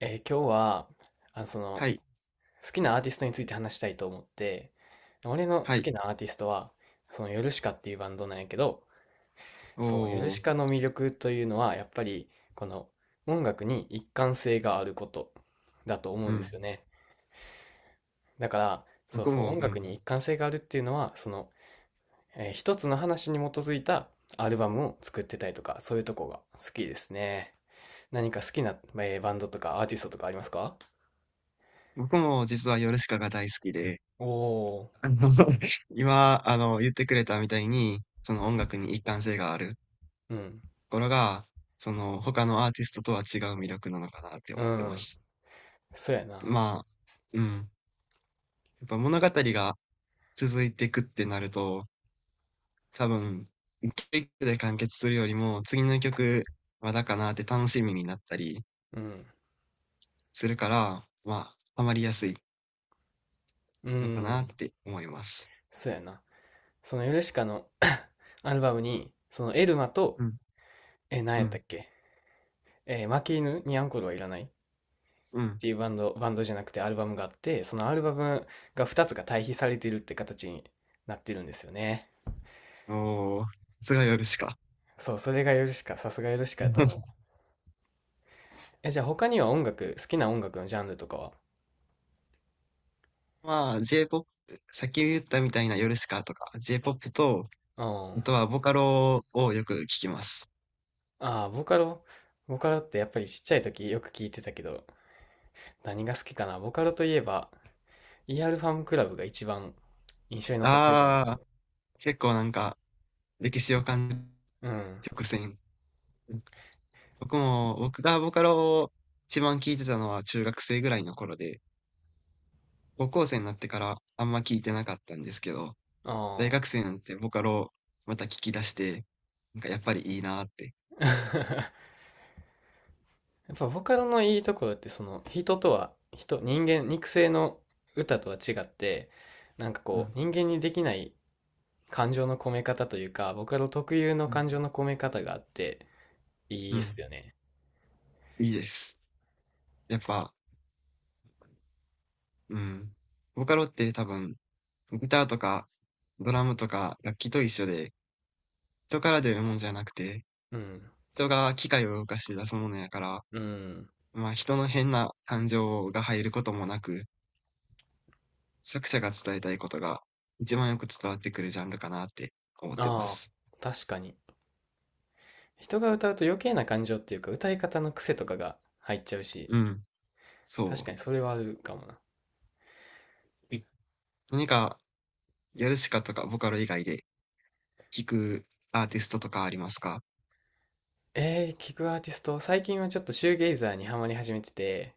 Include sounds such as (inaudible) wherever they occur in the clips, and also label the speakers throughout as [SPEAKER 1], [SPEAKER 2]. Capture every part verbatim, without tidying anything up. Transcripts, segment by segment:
[SPEAKER 1] えー今日は、あの、そ
[SPEAKER 2] は
[SPEAKER 1] の、
[SPEAKER 2] い。
[SPEAKER 1] 好きなアーティストについて話したいと思って、俺の好
[SPEAKER 2] はい。
[SPEAKER 1] きなアーティストは、その、ヨルシカっていうバンドなんやけど、
[SPEAKER 2] お
[SPEAKER 1] そう、ヨル
[SPEAKER 2] お、
[SPEAKER 1] シカの魅力というのは、やっぱり、この、音楽に一貫性があることだと思う
[SPEAKER 2] う
[SPEAKER 1] んで
[SPEAKER 2] ん。
[SPEAKER 1] すよね。だから、そう
[SPEAKER 2] 僕
[SPEAKER 1] そう、
[SPEAKER 2] も、
[SPEAKER 1] 音
[SPEAKER 2] う
[SPEAKER 1] 楽
[SPEAKER 2] ん。
[SPEAKER 1] に一貫性があるっていうのは、その、えー一つの話に基づいたアルバムを作ってたりとか、そういうとこが好きですね。何か好きな、えーバンドとかアーティストとかありますか？
[SPEAKER 2] 僕も実はヨルシカが大好きで、
[SPEAKER 1] おお
[SPEAKER 2] (laughs) あの、(laughs) 今、あの、言ってくれたみたいに、その音楽に一貫性がある
[SPEAKER 1] ー、うん。
[SPEAKER 2] ところが、その他のアーティストとは違う魅力なのかなって
[SPEAKER 1] う
[SPEAKER 2] 思ってま
[SPEAKER 1] ん。
[SPEAKER 2] す。
[SPEAKER 1] そうやな。
[SPEAKER 2] まあ、うん。やっぱ物語が続いていくってなると、多分、一曲で完結するよりも、次の曲まだかなって楽しみになったり
[SPEAKER 1] うん。
[SPEAKER 2] するから、まあ、ハマりやすい
[SPEAKER 1] う
[SPEAKER 2] のかなっ
[SPEAKER 1] ん。
[SPEAKER 2] て思います。
[SPEAKER 1] そうやな。そのヨルシカの (coughs) アルバムに、そのエルマ
[SPEAKER 2] う
[SPEAKER 1] と、
[SPEAKER 2] ん、
[SPEAKER 1] え、何
[SPEAKER 2] う
[SPEAKER 1] やった
[SPEAKER 2] ん、
[SPEAKER 1] っけ。えー負け犬にアンコールはいらないっ
[SPEAKER 2] うん。
[SPEAKER 1] ていうバンド、バンドじゃなくてアルバムがあって、そのアルバムがふたつが対比されてるって形になってるんですよね。
[SPEAKER 2] おお、さすがヨルシカ。
[SPEAKER 1] そう、それがヨルシカ、さすがヨルシカやと思う。
[SPEAKER 2] (laughs)
[SPEAKER 1] え、じゃあ他には音楽、好きな音楽のジャンルとかは？
[SPEAKER 2] まあ、J-ポップ、先言ったみたいなヨルシカとか、J-ポップ と、
[SPEAKER 1] う
[SPEAKER 2] あ
[SPEAKER 1] ん。
[SPEAKER 2] とはボカロをよく聞きます。
[SPEAKER 1] ああ、ボカロ。ボカロってやっぱりちっちゃい時よく聞いてたけど、何が好きかなボカロといえば、イ e ルファームクラブが一番印象に残ってるかも。
[SPEAKER 2] ああ、結構なんか、歴史を感じる
[SPEAKER 1] うん。
[SPEAKER 2] 曲線。僕も、僕がボカロを一番聞いてたのは中学生ぐらいの頃で、高校生になってからあんま聞いてなかったんですけど、大
[SPEAKER 1] ああ。
[SPEAKER 2] 学生になってボカロをまた聞き出して、なんかやっぱりいいなーって。
[SPEAKER 1] (laughs) やっぱボカロのいいところってその人とは人、人間、肉声の歌とは違って、なんか
[SPEAKER 2] う
[SPEAKER 1] こ
[SPEAKER 2] ん、
[SPEAKER 1] う人間にできない感情の込め方というか、ボカロ特有の
[SPEAKER 2] うん、
[SPEAKER 1] 感情の込め方があってい
[SPEAKER 2] う
[SPEAKER 1] いっ
[SPEAKER 2] ん、
[SPEAKER 1] すよね。
[SPEAKER 2] いいです。やっぱ、うん。ボカロって多分、ギターとか、ドラムとか、楽器と一緒で、人から出るもんじゃなくて、
[SPEAKER 1] うん。
[SPEAKER 2] 人が機械を動かして出すものやから、
[SPEAKER 1] うん。
[SPEAKER 2] まあ人の変な感情が入ることもなく、作者が伝えたいことが一番よく伝わってくるジャンルかなって思ってま
[SPEAKER 1] あ
[SPEAKER 2] す。
[SPEAKER 1] あ、確かに。人が歌うと余計な感情っていうか歌い方の癖とかが入っちゃうし、
[SPEAKER 2] うん。そ
[SPEAKER 1] 確か
[SPEAKER 2] う。
[SPEAKER 1] にそれはあるかもな。
[SPEAKER 2] え何か、ヨルシカとかボカロ以外で聴くアーティストとかありますか？
[SPEAKER 1] えー、聞くアーティスト、最近はちょっとシューゲイザーにハマり始めてて、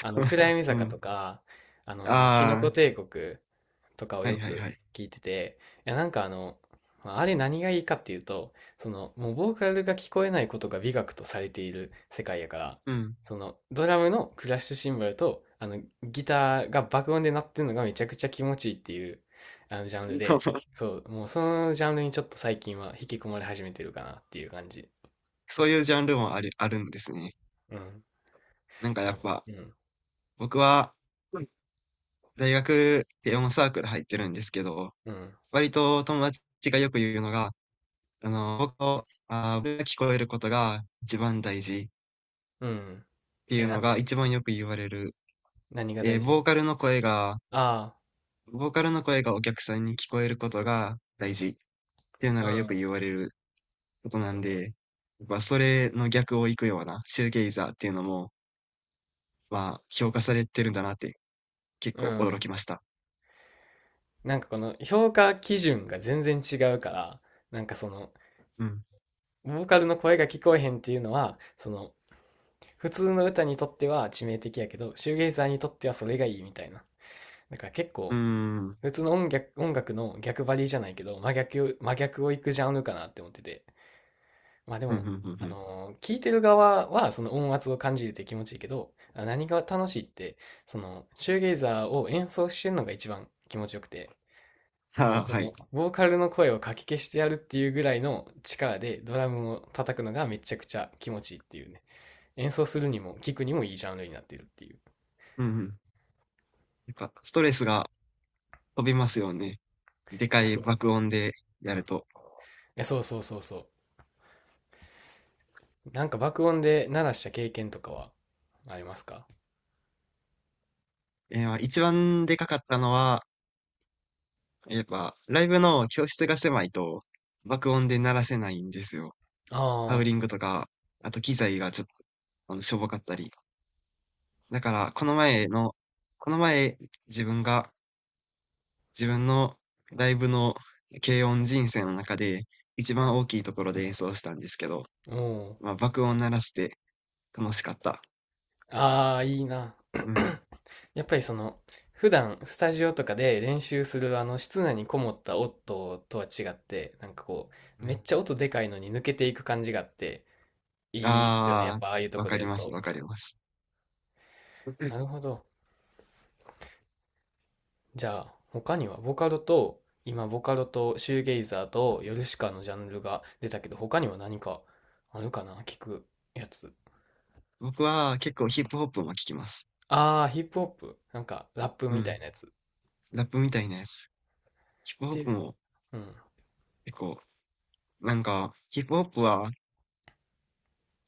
[SPEAKER 1] あの、暗 闇
[SPEAKER 2] う
[SPEAKER 1] 坂
[SPEAKER 2] ん。
[SPEAKER 1] とか、あの、キノ
[SPEAKER 2] あ
[SPEAKER 1] コ帝国とかを
[SPEAKER 2] あ、はい
[SPEAKER 1] よ
[SPEAKER 2] はい
[SPEAKER 1] く
[SPEAKER 2] はい。
[SPEAKER 1] 聞いてて、いや、なんかあの、まあれ何がいいかっていうと、その、もうボーカルが聞こえないことが美学とされている世界やから、
[SPEAKER 2] うん。
[SPEAKER 1] その、ドラムのクラッシュシンバルと、あの、ギターが爆音で鳴ってるのがめちゃくちゃ気持ちいいっていう、あの、ジャンルで、
[SPEAKER 2] (laughs)
[SPEAKER 1] そう、もうそのジャンルにちょっと最近は引き込まれ始めてるかなっていう感じ。
[SPEAKER 2] そういうジャンルもある、あるんですね。
[SPEAKER 1] うん。
[SPEAKER 2] なんか
[SPEAKER 1] い
[SPEAKER 2] や
[SPEAKER 1] や、
[SPEAKER 2] っぱ、
[SPEAKER 1] うん。
[SPEAKER 2] 僕は、大学で音サークル入ってるんですけど、
[SPEAKER 1] うん。
[SPEAKER 2] 割と友達がよく言うのが、あの、僕の、あー、僕が聞こえることが一番大事っ
[SPEAKER 1] うん。
[SPEAKER 2] てい
[SPEAKER 1] え、
[SPEAKER 2] う
[SPEAKER 1] な
[SPEAKER 2] の
[SPEAKER 1] ん
[SPEAKER 2] が
[SPEAKER 1] で？
[SPEAKER 2] 一番よく言われる。
[SPEAKER 1] 何が
[SPEAKER 2] え
[SPEAKER 1] 大
[SPEAKER 2] ー
[SPEAKER 1] 事？
[SPEAKER 2] ボーカルの声が、
[SPEAKER 1] あ
[SPEAKER 2] ボーカルの声がお客さんに聞こえることが大事っていうのがよく
[SPEAKER 1] あ、
[SPEAKER 2] 言われることなんで、やっぱそれの逆を行くようなシューゲイザーっていうのも、まあ、評価されてるんだなって結
[SPEAKER 1] うん。
[SPEAKER 2] 構
[SPEAKER 1] う
[SPEAKER 2] 驚き
[SPEAKER 1] ん。
[SPEAKER 2] ました。
[SPEAKER 1] なんかこの評価基準が全然違うから、なんかその、
[SPEAKER 2] うん。
[SPEAKER 1] ボーカルの声が聞こえへんっていうのは、その、普通の歌にとっては致命的やけど、シューゲイザーにとってはそれがいいみたいな。だから結
[SPEAKER 2] うー
[SPEAKER 1] 構、
[SPEAKER 2] ん。
[SPEAKER 1] 普通の音楽、音楽の逆張りじゃないけど、真逆、真逆をいくジャンルかなって思ってて。まあで
[SPEAKER 2] ふん
[SPEAKER 1] も、
[SPEAKER 2] ふんふんふ
[SPEAKER 1] あ
[SPEAKER 2] ん。
[SPEAKER 1] のー聞いてる側はその音圧を感じるって気持ちいいけど、あ、何が楽しいって、そのシューゲイザーを演奏してるのが一番気持ちよくて、も
[SPEAKER 2] あ
[SPEAKER 1] う
[SPEAKER 2] あ、
[SPEAKER 1] そ
[SPEAKER 2] はい。
[SPEAKER 1] のボーカルの声をかき消してやるっていうぐらいの力でドラムを叩くのがめちゃくちゃ気持ちいいっていうね。演奏するにも聴くにもいいジャンルになっているっていう。
[SPEAKER 2] うんうん。なんか、ストレスが飛びますよね。でか
[SPEAKER 1] え
[SPEAKER 2] い
[SPEAKER 1] そう。
[SPEAKER 2] 爆音で
[SPEAKER 1] う
[SPEAKER 2] や
[SPEAKER 1] ん。
[SPEAKER 2] ると。
[SPEAKER 1] え、そうそうそうそう。なんか爆音で鳴らした経験とかはありますか？
[SPEAKER 2] え、ま、一番でかかったのは、やっぱライブの教室が狭いと、爆音で鳴らせないんですよ。ハウ
[SPEAKER 1] あ
[SPEAKER 2] リン
[SPEAKER 1] あ
[SPEAKER 2] グとか、あと機材がちょっと、あの、しょぼかったり。だから、この前のこの前、自分が、自分のライブの軽音人生の中で、一番大きいところで演奏したんですけど、
[SPEAKER 1] ー、おー。
[SPEAKER 2] まあ、爆音鳴らして楽しかった。
[SPEAKER 1] ああ、いいな。
[SPEAKER 2] うん。
[SPEAKER 1] (clears throat) やっぱりその、普段スタジオとかで練習するあの室内にこもった音とは違って、なんかこ
[SPEAKER 2] う
[SPEAKER 1] う、めっ
[SPEAKER 2] ん。
[SPEAKER 1] ちゃ音でかいのに抜けていく感じがあって、いいっすよね。やっ
[SPEAKER 2] あ
[SPEAKER 1] ぱああいうと
[SPEAKER 2] あ、わ
[SPEAKER 1] こで
[SPEAKER 2] か
[SPEAKER 1] や
[SPEAKER 2] り
[SPEAKER 1] る
[SPEAKER 2] ます、
[SPEAKER 1] と。
[SPEAKER 2] わかります。う
[SPEAKER 1] な
[SPEAKER 2] ん。
[SPEAKER 1] るほど。じゃあ、他にはボカロと、今ボカロとシューゲイザーとヨルシカのジャンルが出たけど、他には何かあるかな、聞くやつ。
[SPEAKER 2] 僕は結構ヒップホップも聞きます。
[SPEAKER 1] ああ、ヒップホップ。なんかラップ
[SPEAKER 2] う
[SPEAKER 1] みたい
[SPEAKER 2] ん。
[SPEAKER 1] なやつ。
[SPEAKER 2] ラップみたいなやつ。ヒップホップ
[SPEAKER 1] で、
[SPEAKER 2] も
[SPEAKER 1] うん、
[SPEAKER 2] 結構、なんか、ヒップホップは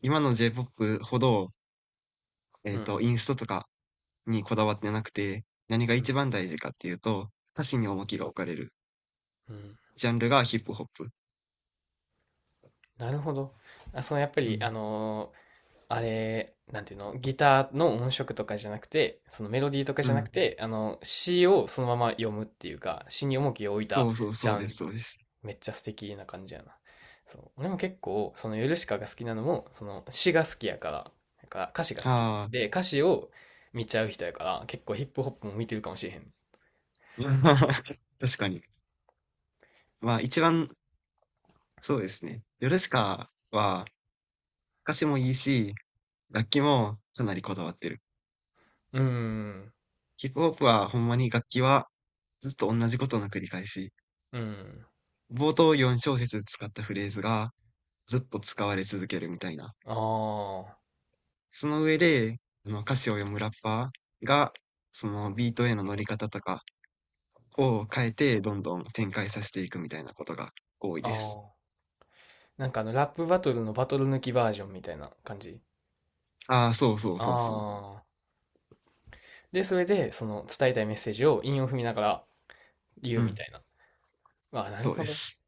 [SPEAKER 2] 今の J-ポップ ほど、え
[SPEAKER 1] う
[SPEAKER 2] っ
[SPEAKER 1] ん、
[SPEAKER 2] と、インストとかにこだわってなくて、何が
[SPEAKER 1] うん。
[SPEAKER 2] 一番大事かっていうと、歌詞に重きが置かれる
[SPEAKER 1] うん。
[SPEAKER 2] ジャンルがヒップホップ。
[SPEAKER 1] なるほど。あ、そのやっぱ
[SPEAKER 2] う
[SPEAKER 1] り、あ
[SPEAKER 2] ん。
[SPEAKER 1] のーあれ、なんていうの、ギターの音色とかじゃなくて、そのメロディーとか
[SPEAKER 2] う
[SPEAKER 1] じゃなく
[SPEAKER 2] ん。
[SPEAKER 1] て、あの、詩をそのまま読むっていうか、詩に重きを置いた
[SPEAKER 2] そうそう、
[SPEAKER 1] ジ
[SPEAKER 2] そう
[SPEAKER 1] ャン
[SPEAKER 2] で
[SPEAKER 1] ル。
[SPEAKER 2] す、そうです。
[SPEAKER 1] めっちゃ素敵な感じやな。そう。俺も結構、そのヨルシカが好きなのも、その詩が好きやから、なんか歌詞が好き。
[SPEAKER 2] ああ、
[SPEAKER 1] で、歌詞を見ちゃう人やから、結構ヒップホップも見てるかもしれへん。
[SPEAKER 2] うん。 (laughs) 確かに。まあ一番、そうですね。ヨルシカは、歌詞もいいし、楽器もかなりこだわってる。
[SPEAKER 1] うーん。
[SPEAKER 2] ヒップホップはほんまに楽器はずっと同じことの繰り返し。
[SPEAKER 1] うん。
[SPEAKER 2] 冒頭よん小節使ったフレーズがずっと使われ続けるみたいな。
[SPEAKER 1] あ
[SPEAKER 2] その上で、あの歌詞を読むラッパーが、そのビートへの乗り方とかを変えてどんどん展開させていくみたいなことが多い
[SPEAKER 1] あ。あ
[SPEAKER 2] です。
[SPEAKER 1] あ。なんかあの、ラップバトルのバトル抜きバージョンみたいな感じ。
[SPEAKER 2] ああ、そうそうそうそ
[SPEAKER 1] ああ。で、それで、その伝えたいメッセージを韻を踏みながら
[SPEAKER 2] う。
[SPEAKER 1] 言う
[SPEAKER 2] う
[SPEAKER 1] み
[SPEAKER 2] ん、
[SPEAKER 1] たいな。ああ、なる
[SPEAKER 2] そう
[SPEAKER 1] ほ
[SPEAKER 2] で
[SPEAKER 1] ど。
[SPEAKER 2] す。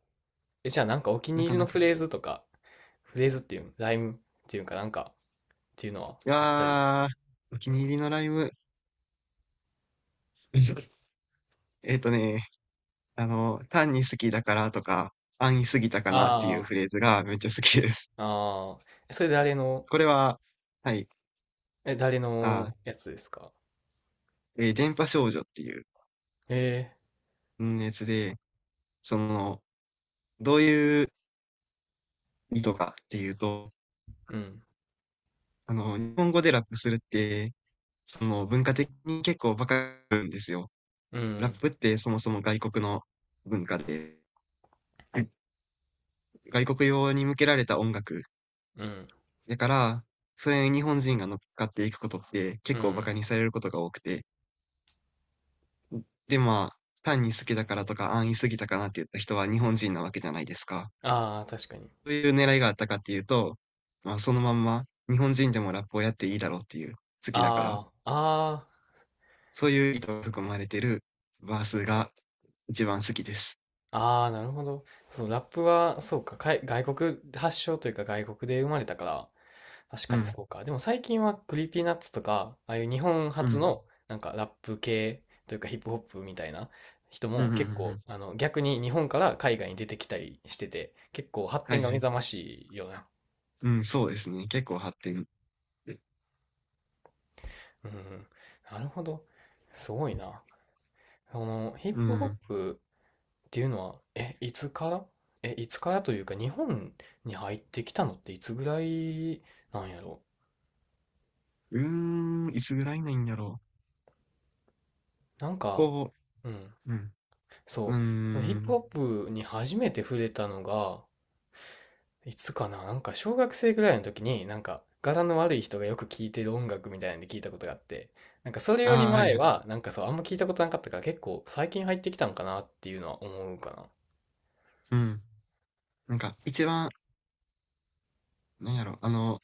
[SPEAKER 1] え、じゃあなんかお気に
[SPEAKER 2] な
[SPEAKER 1] 入
[SPEAKER 2] か
[SPEAKER 1] りの
[SPEAKER 2] な
[SPEAKER 1] フ
[SPEAKER 2] か。
[SPEAKER 1] レーズとか、フレーズっていう、ライムっていうかなんかっていうの
[SPEAKER 2] い
[SPEAKER 1] はあったり？
[SPEAKER 2] やー、お気に入りのライブ。(laughs) えっとね、あの、単に好きだからとか、安易すぎたかなっていう
[SPEAKER 1] あ
[SPEAKER 2] フレーズがめっちゃ好きです。
[SPEAKER 1] あ、ああ。それ誰の、
[SPEAKER 2] これは、はい、
[SPEAKER 1] え、誰
[SPEAKER 2] あ、
[SPEAKER 1] のやつですか？
[SPEAKER 2] えー電波少女っていう
[SPEAKER 1] ええ、
[SPEAKER 2] うんやつで、その、どういう意図かっていうと、
[SPEAKER 1] うん、
[SPEAKER 2] あの、日本語でラップするって、その文化的に結構バカなんですよ。
[SPEAKER 1] う
[SPEAKER 2] ラッ
[SPEAKER 1] ん、
[SPEAKER 2] プってそもそも外国の文化で、はい、外国用に向けられた音楽。
[SPEAKER 1] うん、
[SPEAKER 2] だから、それに日本人が乗っかっていくことって
[SPEAKER 1] う
[SPEAKER 2] 結構バ
[SPEAKER 1] ん。
[SPEAKER 2] カにされることが多くて、で、まあ、単に好きだからとか、安易すぎたかなって言った人は日本人なわけじゃないですか。
[SPEAKER 1] ああ、確かに。
[SPEAKER 2] そういう狙いがあったかっていうと、まあ、そのまんま日本人でもラップをやっていいだろうっていう、好きだから、
[SPEAKER 1] ああ、あ
[SPEAKER 2] そういう意図が含まれてるバースが一番好きです。
[SPEAKER 1] あ、ああ、なるほど。そのラップは、そうか、かい、外国発祥というか外国で生まれたから、確
[SPEAKER 2] う
[SPEAKER 1] かに
[SPEAKER 2] ん。
[SPEAKER 1] そうか。でも最近はクリーピーナッツとか、ああいう日本
[SPEAKER 2] う
[SPEAKER 1] 初
[SPEAKER 2] ん。
[SPEAKER 1] のなんかラップ系というかヒップホップみたいな人
[SPEAKER 2] うんう
[SPEAKER 1] も
[SPEAKER 2] んうんう
[SPEAKER 1] 結構、
[SPEAKER 2] ん。
[SPEAKER 1] あの逆に日本から海外に出てきたりしてて、結構発
[SPEAKER 2] は
[SPEAKER 1] 展
[SPEAKER 2] い
[SPEAKER 1] が
[SPEAKER 2] は
[SPEAKER 1] 目
[SPEAKER 2] い。
[SPEAKER 1] 覚ましいよな。
[SPEAKER 2] うん、そうですね。結構発展。
[SPEAKER 1] うん、なるほど。すごいな。そのヒッ
[SPEAKER 2] う
[SPEAKER 1] プホ
[SPEAKER 2] ん。
[SPEAKER 1] ップっていうのは、え、いつから、え、いつからというか日本に入ってきたのっていつぐらいなんやろ。
[SPEAKER 2] うーん、いつぐらいなんやろう。
[SPEAKER 1] なんか、
[SPEAKER 2] こ
[SPEAKER 1] うん。
[SPEAKER 2] う、うん。うー
[SPEAKER 1] そう。そのヒップ
[SPEAKER 2] ん。
[SPEAKER 1] ホップに初めて触れたのが、いつかな、なんか小学生ぐらいの時に、なんか柄の悪い人がよく聴いてる音楽みたいなんで聞いたことがあって、なんかそれより
[SPEAKER 2] ああ、はい
[SPEAKER 1] 前
[SPEAKER 2] はい。
[SPEAKER 1] は、なんかそう、あんま聞いたことなかったから結構最近入ってきたんかなっていうのは思うかな。
[SPEAKER 2] うん。なんか、一番、なんやろ、あの、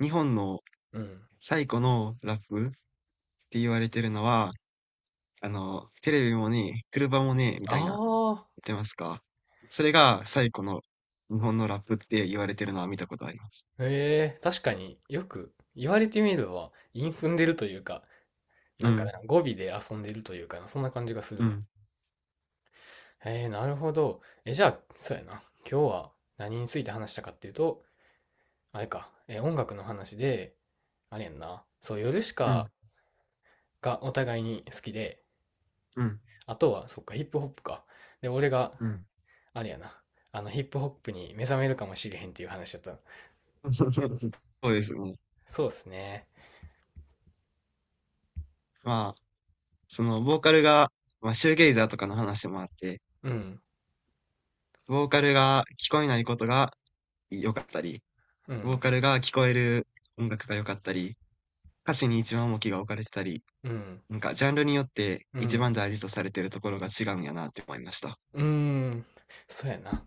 [SPEAKER 2] 日本の
[SPEAKER 1] うん。
[SPEAKER 2] 最古のラップって言われてるのは、あの、テレビもね車もねみたいな、言っ
[SPEAKER 1] あ
[SPEAKER 2] てますか？それが最古の日本のラップって言われてるのは見たことあります。
[SPEAKER 1] あ、へえ、確かによく言われてみれば、韻踏んでるというか、な
[SPEAKER 2] う
[SPEAKER 1] んかね、
[SPEAKER 2] ん、
[SPEAKER 1] 語尾で遊んでるというかな、そんな感じがする
[SPEAKER 2] う
[SPEAKER 1] な。
[SPEAKER 2] ん、
[SPEAKER 1] へえ、なるほど。え、じゃあ、そうやな。今日は何について話したかっていうと、あれか、えー音楽の話で、あれやんな。そう、ヨルシ
[SPEAKER 2] う
[SPEAKER 1] カ
[SPEAKER 2] ん、
[SPEAKER 1] がお互いに好きで、
[SPEAKER 2] うん、
[SPEAKER 1] あとは、そっか、ヒップホップか。で、俺が、
[SPEAKER 2] うん。
[SPEAKER 1] あれやな。あの、ヒップホップに目覚めるかもしれへんっていう話だったの。
[SPEAKER 2] (laughs) そうですね。
[SPEAKER 1] そうっすね。
[SPEAKER 2] まあ、その、ボーカルが、まあ、シューゲイザーとかの話もあって、
[SPEAKER 1] うん、
[SPEAKER 2] ボーカルが聞こえないことが良かったり、
[SPEAKER 1] う
[SPEAKER 2] ボー
[SPEAKER 1] ん、
[SPEAKER 2] カルが聞こえる音楽が良かったり、歌詞に一番重きが置かれてたり、
[SPEAKER 1] うん、
[SPEAKER 2] なんかジャンルによって
[SPEAKER 1] う
[SPEAKER 2] 一番
[SPEAKER 1] ん、
[SPEAKER 2] 大事とされているところが違うんやなって思いました。
[SPEAKER 1] うーん、そうやな。